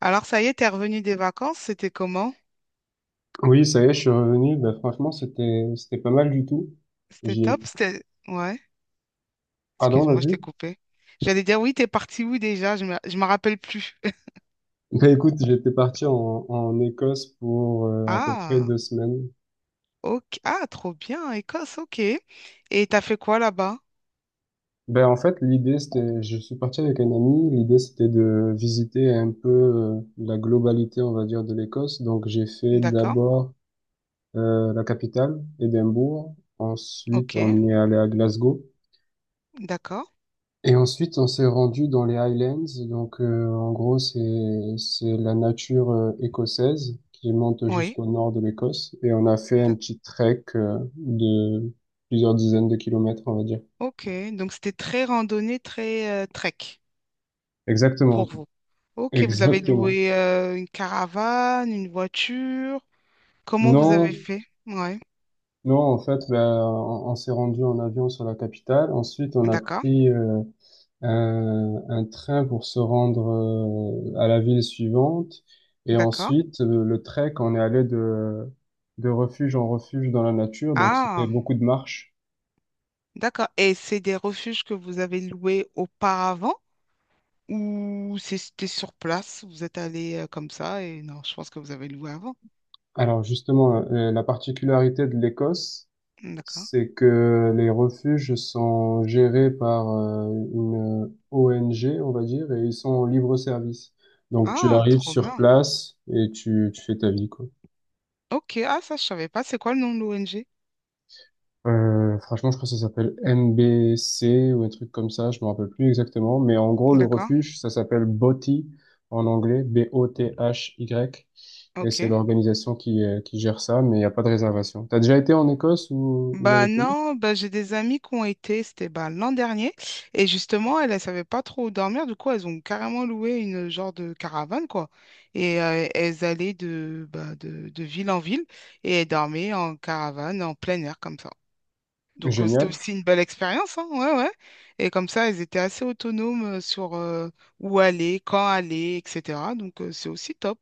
Alors, ça y est, t'es revenu des vacances, c'était comment? Oui, ça y est, je suis revenu. Bah, franchement, c'était pas mal du tout. C'était J'y ai... top, c'était... Ouais, Pardon, excuse-moi, je vas-y. t'ai coupé. J'allais dire, oui, t'es parti où déjà? Je me... Je m'en rappelle plus. Bah, écoute, j'étais parti en Écosse pour à peu près Ah, 2 semaines. ok. Ah, trop bien, Écosse, ok. Et t'as fait quoi là-bas? Ben en fait, l'idée, c'était. Je suis parti avec un ami. L'idée, c'était de visiter un peu la globalité, on va dire, de l'Écosse. Donc, j'ai fait D'accord, d'abord la capitale, Édimbourg. Ensuite, ok, on est allé à Glasgow. d'accord, Et ensuite, on s'est rendu dans les Highlands. Donc, en gros, c'est la nature écossaise qui monte oui. jusqu'au nord de l'Écosse. Et on a fait un d'ac- petit trek de plusieurs dizaines de kilomètres, on va dire. Ok, donc c'était très randonnée, très trek pour Exactement, vous. Ok, vous avez exactement. loué une caravane, une voiture. Comment vous avez Non, fait? Ouais, non, en fait, ben, on s'est rendu en avion sur la capitale. Ensuite, on a d'accord, pris un train pour se rendre à la ville suivante. Et d'accord. ensuite, le trek, on est allé de refuge en refuge dans la nature, donc c'était Ah. beaucoup de marches. D'accord. Et c'est des refuges que vous avez loués auparavant ou c'était sur place? Vous êtes allé comme ça et non, je pense que vous avez loué avant. Alors justement, la particularité de l'Écosse, D'accord. c'est que les refuges sont gérés par une ONG, on va dire, et ils sont en libre service. Donc tu Ah, arrives trop sur bien. place et tu fais ta vie, quoi. Ok, ah ça je savais pas. C'est quoi le nom de l'ONG? Franchement, je crois que ça s'appelle MBC ou un truc comme ça, je me rappelle plus exactement, mais en gros, le D'accord. refuge, ça s'appelle BOTY en anglais, Bothy, et c'est Ok. l'organisation qui gère ça, mais il n'y a pas de réservation. T'as déjà été en Écosse ou dans Bah les pays? non, bah j'ai des amis qui ont été, c'était bah, l'an dernier, et justement, elles ne savaient pas trop où dormir, du coup, elles ont carrément loué une genre de caravane, quoi. Et elles allaient de ville en ville, et elles dormaient en caravane, en plein air, comme ça. Donc, c'était Génial. aussi une belle expérience, hein, ouais, ouais. Et comme ça, ils étaient assez autonomes sur où aller, quand aller, etc. Donc, c'est aussi top.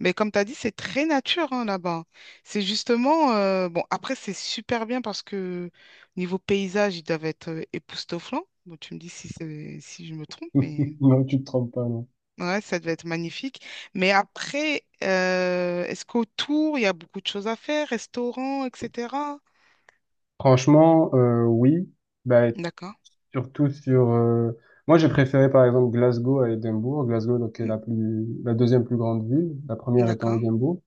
Mais comme tu as dit, c'est très nature hein, là-bas. C'est justement, bon, après, c'est super bien parce que niveau paysage, ils doivent être époustouflants. Bon, tu me dis si je me trompe, mais Non, tu te trompes pas, non. ouais, ça devait être magnifique. Mais après, est-ce qu'autour, il y a beaucoup de choses à faire, restaurants, etc. Franchement, oui, bah, D'accord, surtout Moi, j'ai préféré, par exemple, Glasgow à Édimbourg. Glasgow, donc, est Mm, la deuxième plus grande ville, la première étant d'accord, Édimbourg.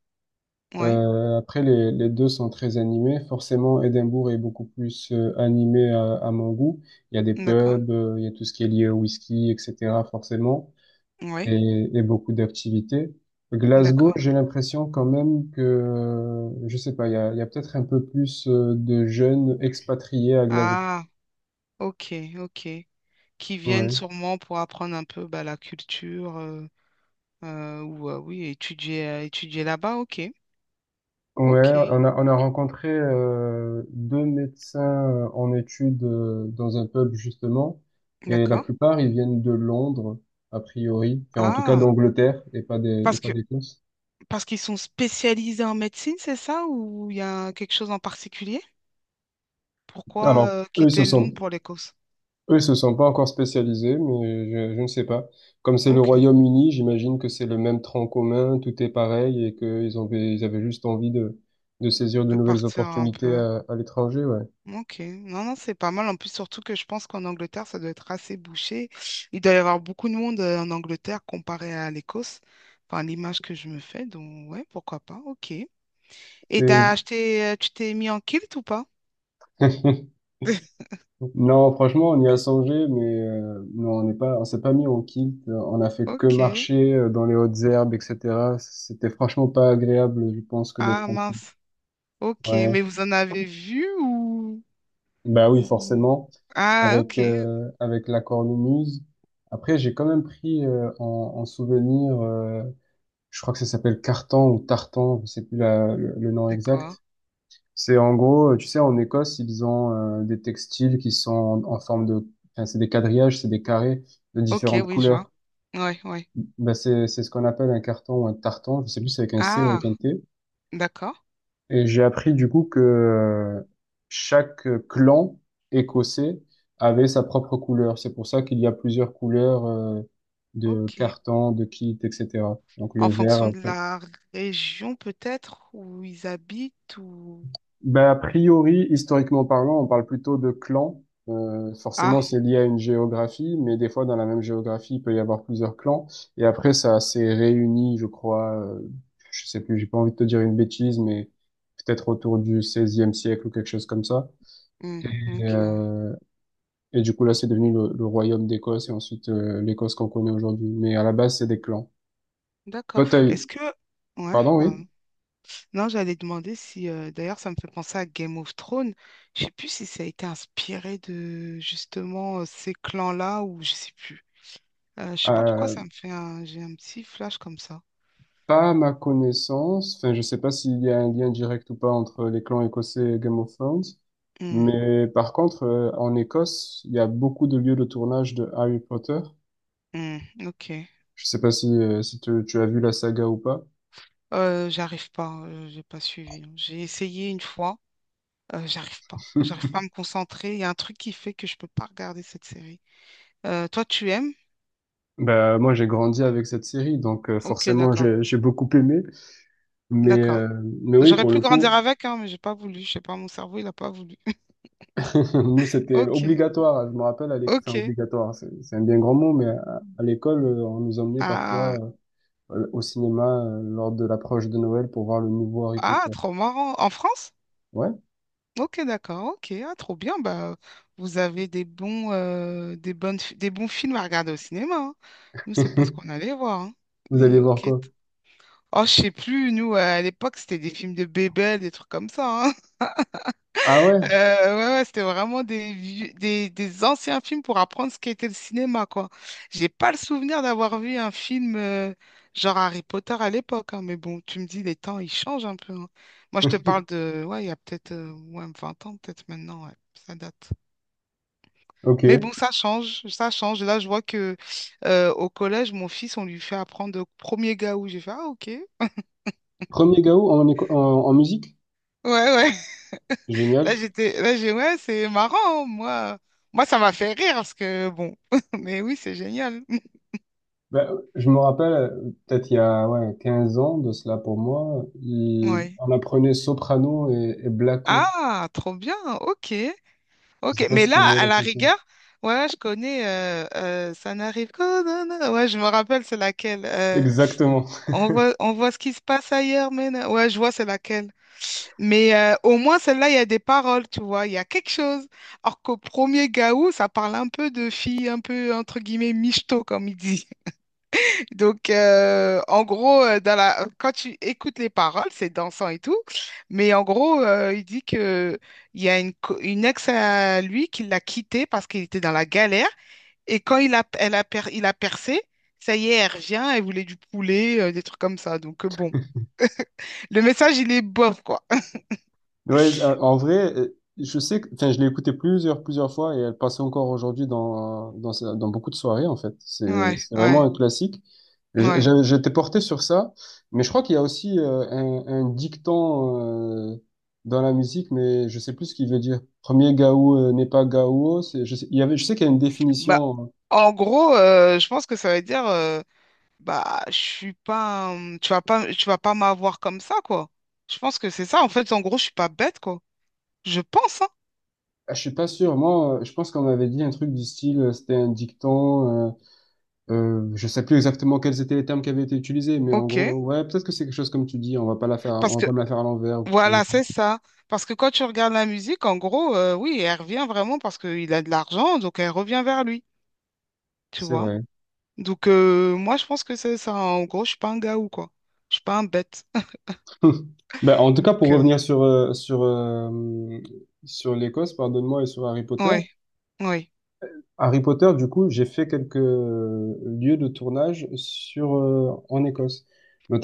ouais. Après, les deux sont très animés. Forcément, Édimbourg est beaucoup plus animé à mon goût. Il y a des D'accord. pubs, il y a tout ce qui est lié au whisky, etc. Forcément, Oui, et beaucoup d'activités. Glasgow, d'accord. j'ai l'impression quand même que, je sais pas, il y a peut-être un peu plus de jeunes expatriés à Glasgow. Ah, ok, ok. Qui viennent Ouais. sûrement pour apprendre un peu bah, la culture ou oui, étudier, étudier là-bas. Ok, Ouais, ok, on a rencontré deux médecins en études dans un pub justement, et la d'accord. plupart ils viennent de Londres, a priori, enfin en tout cas Ah, d'Angleterre et pas des et parce pas que d'Écosse. parce qu'ils sont spécialisés en médecine, c'est ça? Ou il y a quelque chose en particulier? Pourquoi Alors eux ils se quitter Londres sont pour l'Écosse? eux ils se sont pas encore spécialisés, mais je ne sais pas. Comme c'est le Ok, Royaume-Uni, j'imagine que c'est le même tronc commun, tout est pareil et qu'ils avaient juste envie de saisir de de nouvelles partir un opportunités peu. à l'étranger, ouais. Ok, non, non, c'est pas mal. En plus, surtout que je pense qu'en Angleterre, ça doit être assez bouché. Il doit y avoir beaucoup de monde en Angleterre comparé à l'Écosse. Enfin, l'image que je me fais. Donc, ouais, pourquoi pas. Ok. Et C'est t'as une- acheté, tu t'es mis en kilt ou pas? Non, franchement, on y a songé, mais non, on s'est pas mis en kilt. On a fait que Ok. marcher dans les hautes herbes, etc. C'était franchement pas agréable, je pense, que d'être Ah, en kilt. mince. Ok, Ouais. mais vous en avez vu ou... Bah oui, ou- forcément, Ah, avec ok. euh, avec la cornemuse. Après, j'ai quand même pris en souvenir, je crois que ça s'appelle carton ou tartan, je sais plus le nom C'est quoi? exact. C'est en gros, tu sais, en Écosse, ils ont des textiles qui sont en forme de. Enfin, c'est des quadrillages, c'est des carrés de Ok, différentes oui, je vois. couleurs. Ouais, ouais. Bah, c'est ce qu'on appelle un carton ou un tartan, je sais plus si c'est avec un C ou Ah, avec un T. d'accord. Et j'ai appris du coup que chaque clan écossais avait sa propre couleur. C'est pour ça qu'il y a plusieurs couleurs de Ok. cartons, de kits, etc. Donc En le vert, fonction de euh, la région peut-être où ils habitent ou... Ben, a priori, historiquement parlant, on parle plutôt de clans. Forcément, Ah, c'est lié à une géographie, mais des fois, dans la même géographie, il peut y avoir plusieurs clans. Et après, ça s'est réuni, je crois, je sais plus, j'ai pas envie de te dire une bêtise, mais peut-être autour du 16e siècle ou quelque chose comme ça. hmm, Et, ok, euh, et du coup, là, c'est devenu le royaume d'Écosse et ensuite l'Écosse qu'on connaît aujourd'hui. Mais à la base, c'est des clans. d'accord. Toi, t'as eu. Est-ce que... Ouais, Pardon, oui? pardon. Non, j'allais demander si... D'ailleurs, ça me fait penser à Game of Thrones. Je sais plus si ça a été inspiré de justement ces clans-là ou je sais plus. Je sais pas pourquoi Euh, ça me fait un... J'ai un petit flash comme ça. Pas à ma connaissance. Enfin, je sais pas s'il y a un lien direct ou pas entre les clans écossais et Game of Thrones. Hmm, Mais par contre, en Écosse, il y a beaucoup de lieux de tournage de Harry Potter. hmm, ok. Je sais pas si tu as vu la saga ou pas. J'ai pas suivi. J'ai essayé une fois, j'arrive pas. J'arrive pas à me concentrer. Il y a un truc qui fait que je peux pas regarder cette série. Toi, tu aimes? Bah, moi, j'ai grandi avec cette série, donc Ok, forcément, d'accord. j'ai beaucoup aimé. Mais, D'accord. euh, mais oui, J'aurais pour pu le grandir coup, avec, hein, mais j'ai pas voulu. Je sais pas, mon cerveau, il a pas voulu. nous, c'était Ok, obligatoire. Je me rappelle, à l'école, enfin, ok. obligatoire, c'est un bien grand mot, mais à l'école, on nous emmenait Ah, parfois au cinéma lors de l'approche de Noël pour voir le nouveau Harry ah, Potter. trop marrant. En France? Ouais? Ok, d'accord. Ok, ah, trop bien. Bah, vous avez des bons, des bons films à regarder au cinéma, hein. Nous, c'est pas ce qu'on allait voir, hein. Vous allez Mais voir ok. quoi? Oh, je sais plus. Nous, à l'époque, c'était des films de bébés, des trucs comme ça, hein. Ah ouais? Ouais, ouais, c'était vraiment des anciens films pour apprendre ce qu'était le cinéma, quoi. J'ai pas le souvenir d'avoir vu un film genre Harry Potter à l'époque, hein, mais bon, tu me dis, les temps, ils changent un peu, hein. Moi, je te parle de, ouais, il y a peut-être ouais, 20 ans, peut-être maintenant, ouais, ça date. Ok. Mais bon, ça change, ça change. Là, je vois que au collège, mon fils, on lui fait apprendre au premier gars où j'ai fait, ah, ok. Ouais. Premier Gaou en musique? Ouais, là, Génial. Ouais, c'est marrant, hein, moi. Moi, ça m'a fait rire parce que, bon, mais oui, c'est génial. Ben, je me rappelle, peut-être il y a ouais, 15 ans de cela pour moi, il- Ouais. on apprenait soprano et blacko. Ah, trop bien, ok. Je Ok, sais pas mais si là, tu vois à la la chanson. rigueur, ouais, je connais, ça n'arrive que, non, non. Ouais, je me rappelle, c'est laquelle. Exactement. On voit, on voit ce qui se passe ailleurs, mais non. Ouais, je vois, c'est laquelle. Mais au moins, celle-là, il y a des paroles, tu vois, il y a quelque chose. Alors qu'au premier Gaou, ça parle un peu de filles, un peu, entre guillemets, michto, comme il dit. Donc, en gros, dans la... quand tu écoutes les paroles, c'est dansant et tout, mais en gros, il dit que il y a une, co- une ex à lui qui l'a quitté parce qu'il était dans la galère, et elle a il a percé, ça y est, elle revient, elle voulait du poulet, des trucs comme ça. Donc, bon, le message, il est bof, quoi. Ouais, en vrai, je sais que, enfin, je l'ai écoutée plusieurs fois et elle passait encore aujourd'hui dans beaucoup de soirées, en fait. C'est, Ouais, c'est vraiment ouais, un classique. Et j'- ouais. j'avais- J'étais porté sur ça, mais je crois qu'il y a aussi un dicton dans la musique, mais je sais plus ce qu'il veut dire. Premier gaou n'est pas gaou. C'est, je sais, il y avait, je sais qu'il y a une Bah, définition. en gros, je pense que ça veut dire. Bah, je suis pas. Un- tu vas pas, tu vas pas m'avoir comme ça, quoi. Je pense que c'est ça. En fait, en gros, je suis pas bête, quoi. Je pense, hein. Je suis pas sûr. Moi, je pense qu'on m'avait dit un truc du style, c'était un dicton. Je sais plus exactement quels étaient les termes qui avaient été utilisés, mais en Ok. gros, ouais, peut-être que c'est quelque chose comme tu dis, on va pas la faire, Parce on va que, pas me la faire à l'envers ou quelque chose comme voilà, ça. c'est ça. Parce que quand tu regardes la musique, en gros, oui, elle revient vraiment parce qu'il a de l'argent, donc elle revient vers lui, tu C'est vois. vrai. Donc, moi, je pense que c'est ça. En gros, je suis pas un gars ou quoi. Je suis pas un bête. Ben, en tout cas, pour Donc, revenir sur l'Écosse, pardonne-moi, et sur Harry Potter. ouais, ouais. Harry Potter, du coup, j'ai fait quelques lieux de tournage sur en Écosse,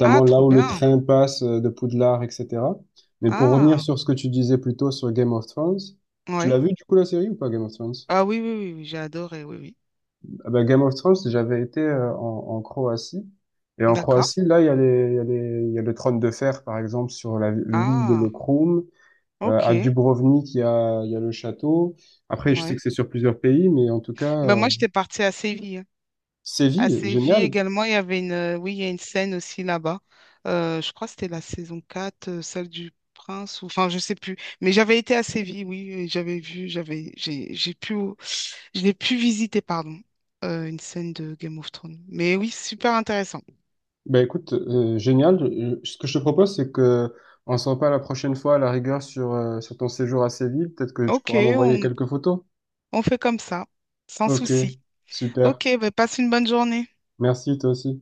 Ah, là trop où le bien. train passe de Poudlard, etc. Mais pour revenir Ah, sur ce que tu disais plus tôt sur Game of Thrones, tu l'as ouais. vu du coup la série ou pas Game of Thrones? Ah, oui, oui, oui, oui, j'ai adoré, oui, oui. Ah bah, Game of Thrones, j'avais été en Croatie. Et en D'accord. Croatie, là, il y a les, il y a les- il y a le trône de fer, par exemple, sur l'île de Ah, Lokrum. À ok, Dubrovnik, il y a le château. Après, je sais ouais. que c'est sur plusieurs pays, mais en tout cas, Ben moi, j'étais partie à Séville, hein. À Séville, Séville génial. également, il y avait une, oui, il y a une scène aussi là-bas. Je crois que c'était la saison 4, celle du Prince, ou enfin, je sais plus. Mais j'avais été à Séville, oui, et j'avais vu, j'avais, j'ai pu, je l'ai pu visiter, pardon, une scène de Game of Thrones. Mais oui, super intéressant. Ben écoute, génial. Ce que je te propose, c'est que on s'en parle la prochaine fois, à la rigueur, sur ton séjour à Séville. Peut-être que tu Ok, pourras m'envoyer quelques photos. on fait comme ça, sans Ok, souci. super. Ok, ben passe une bonne journée. Merci, toi aussi.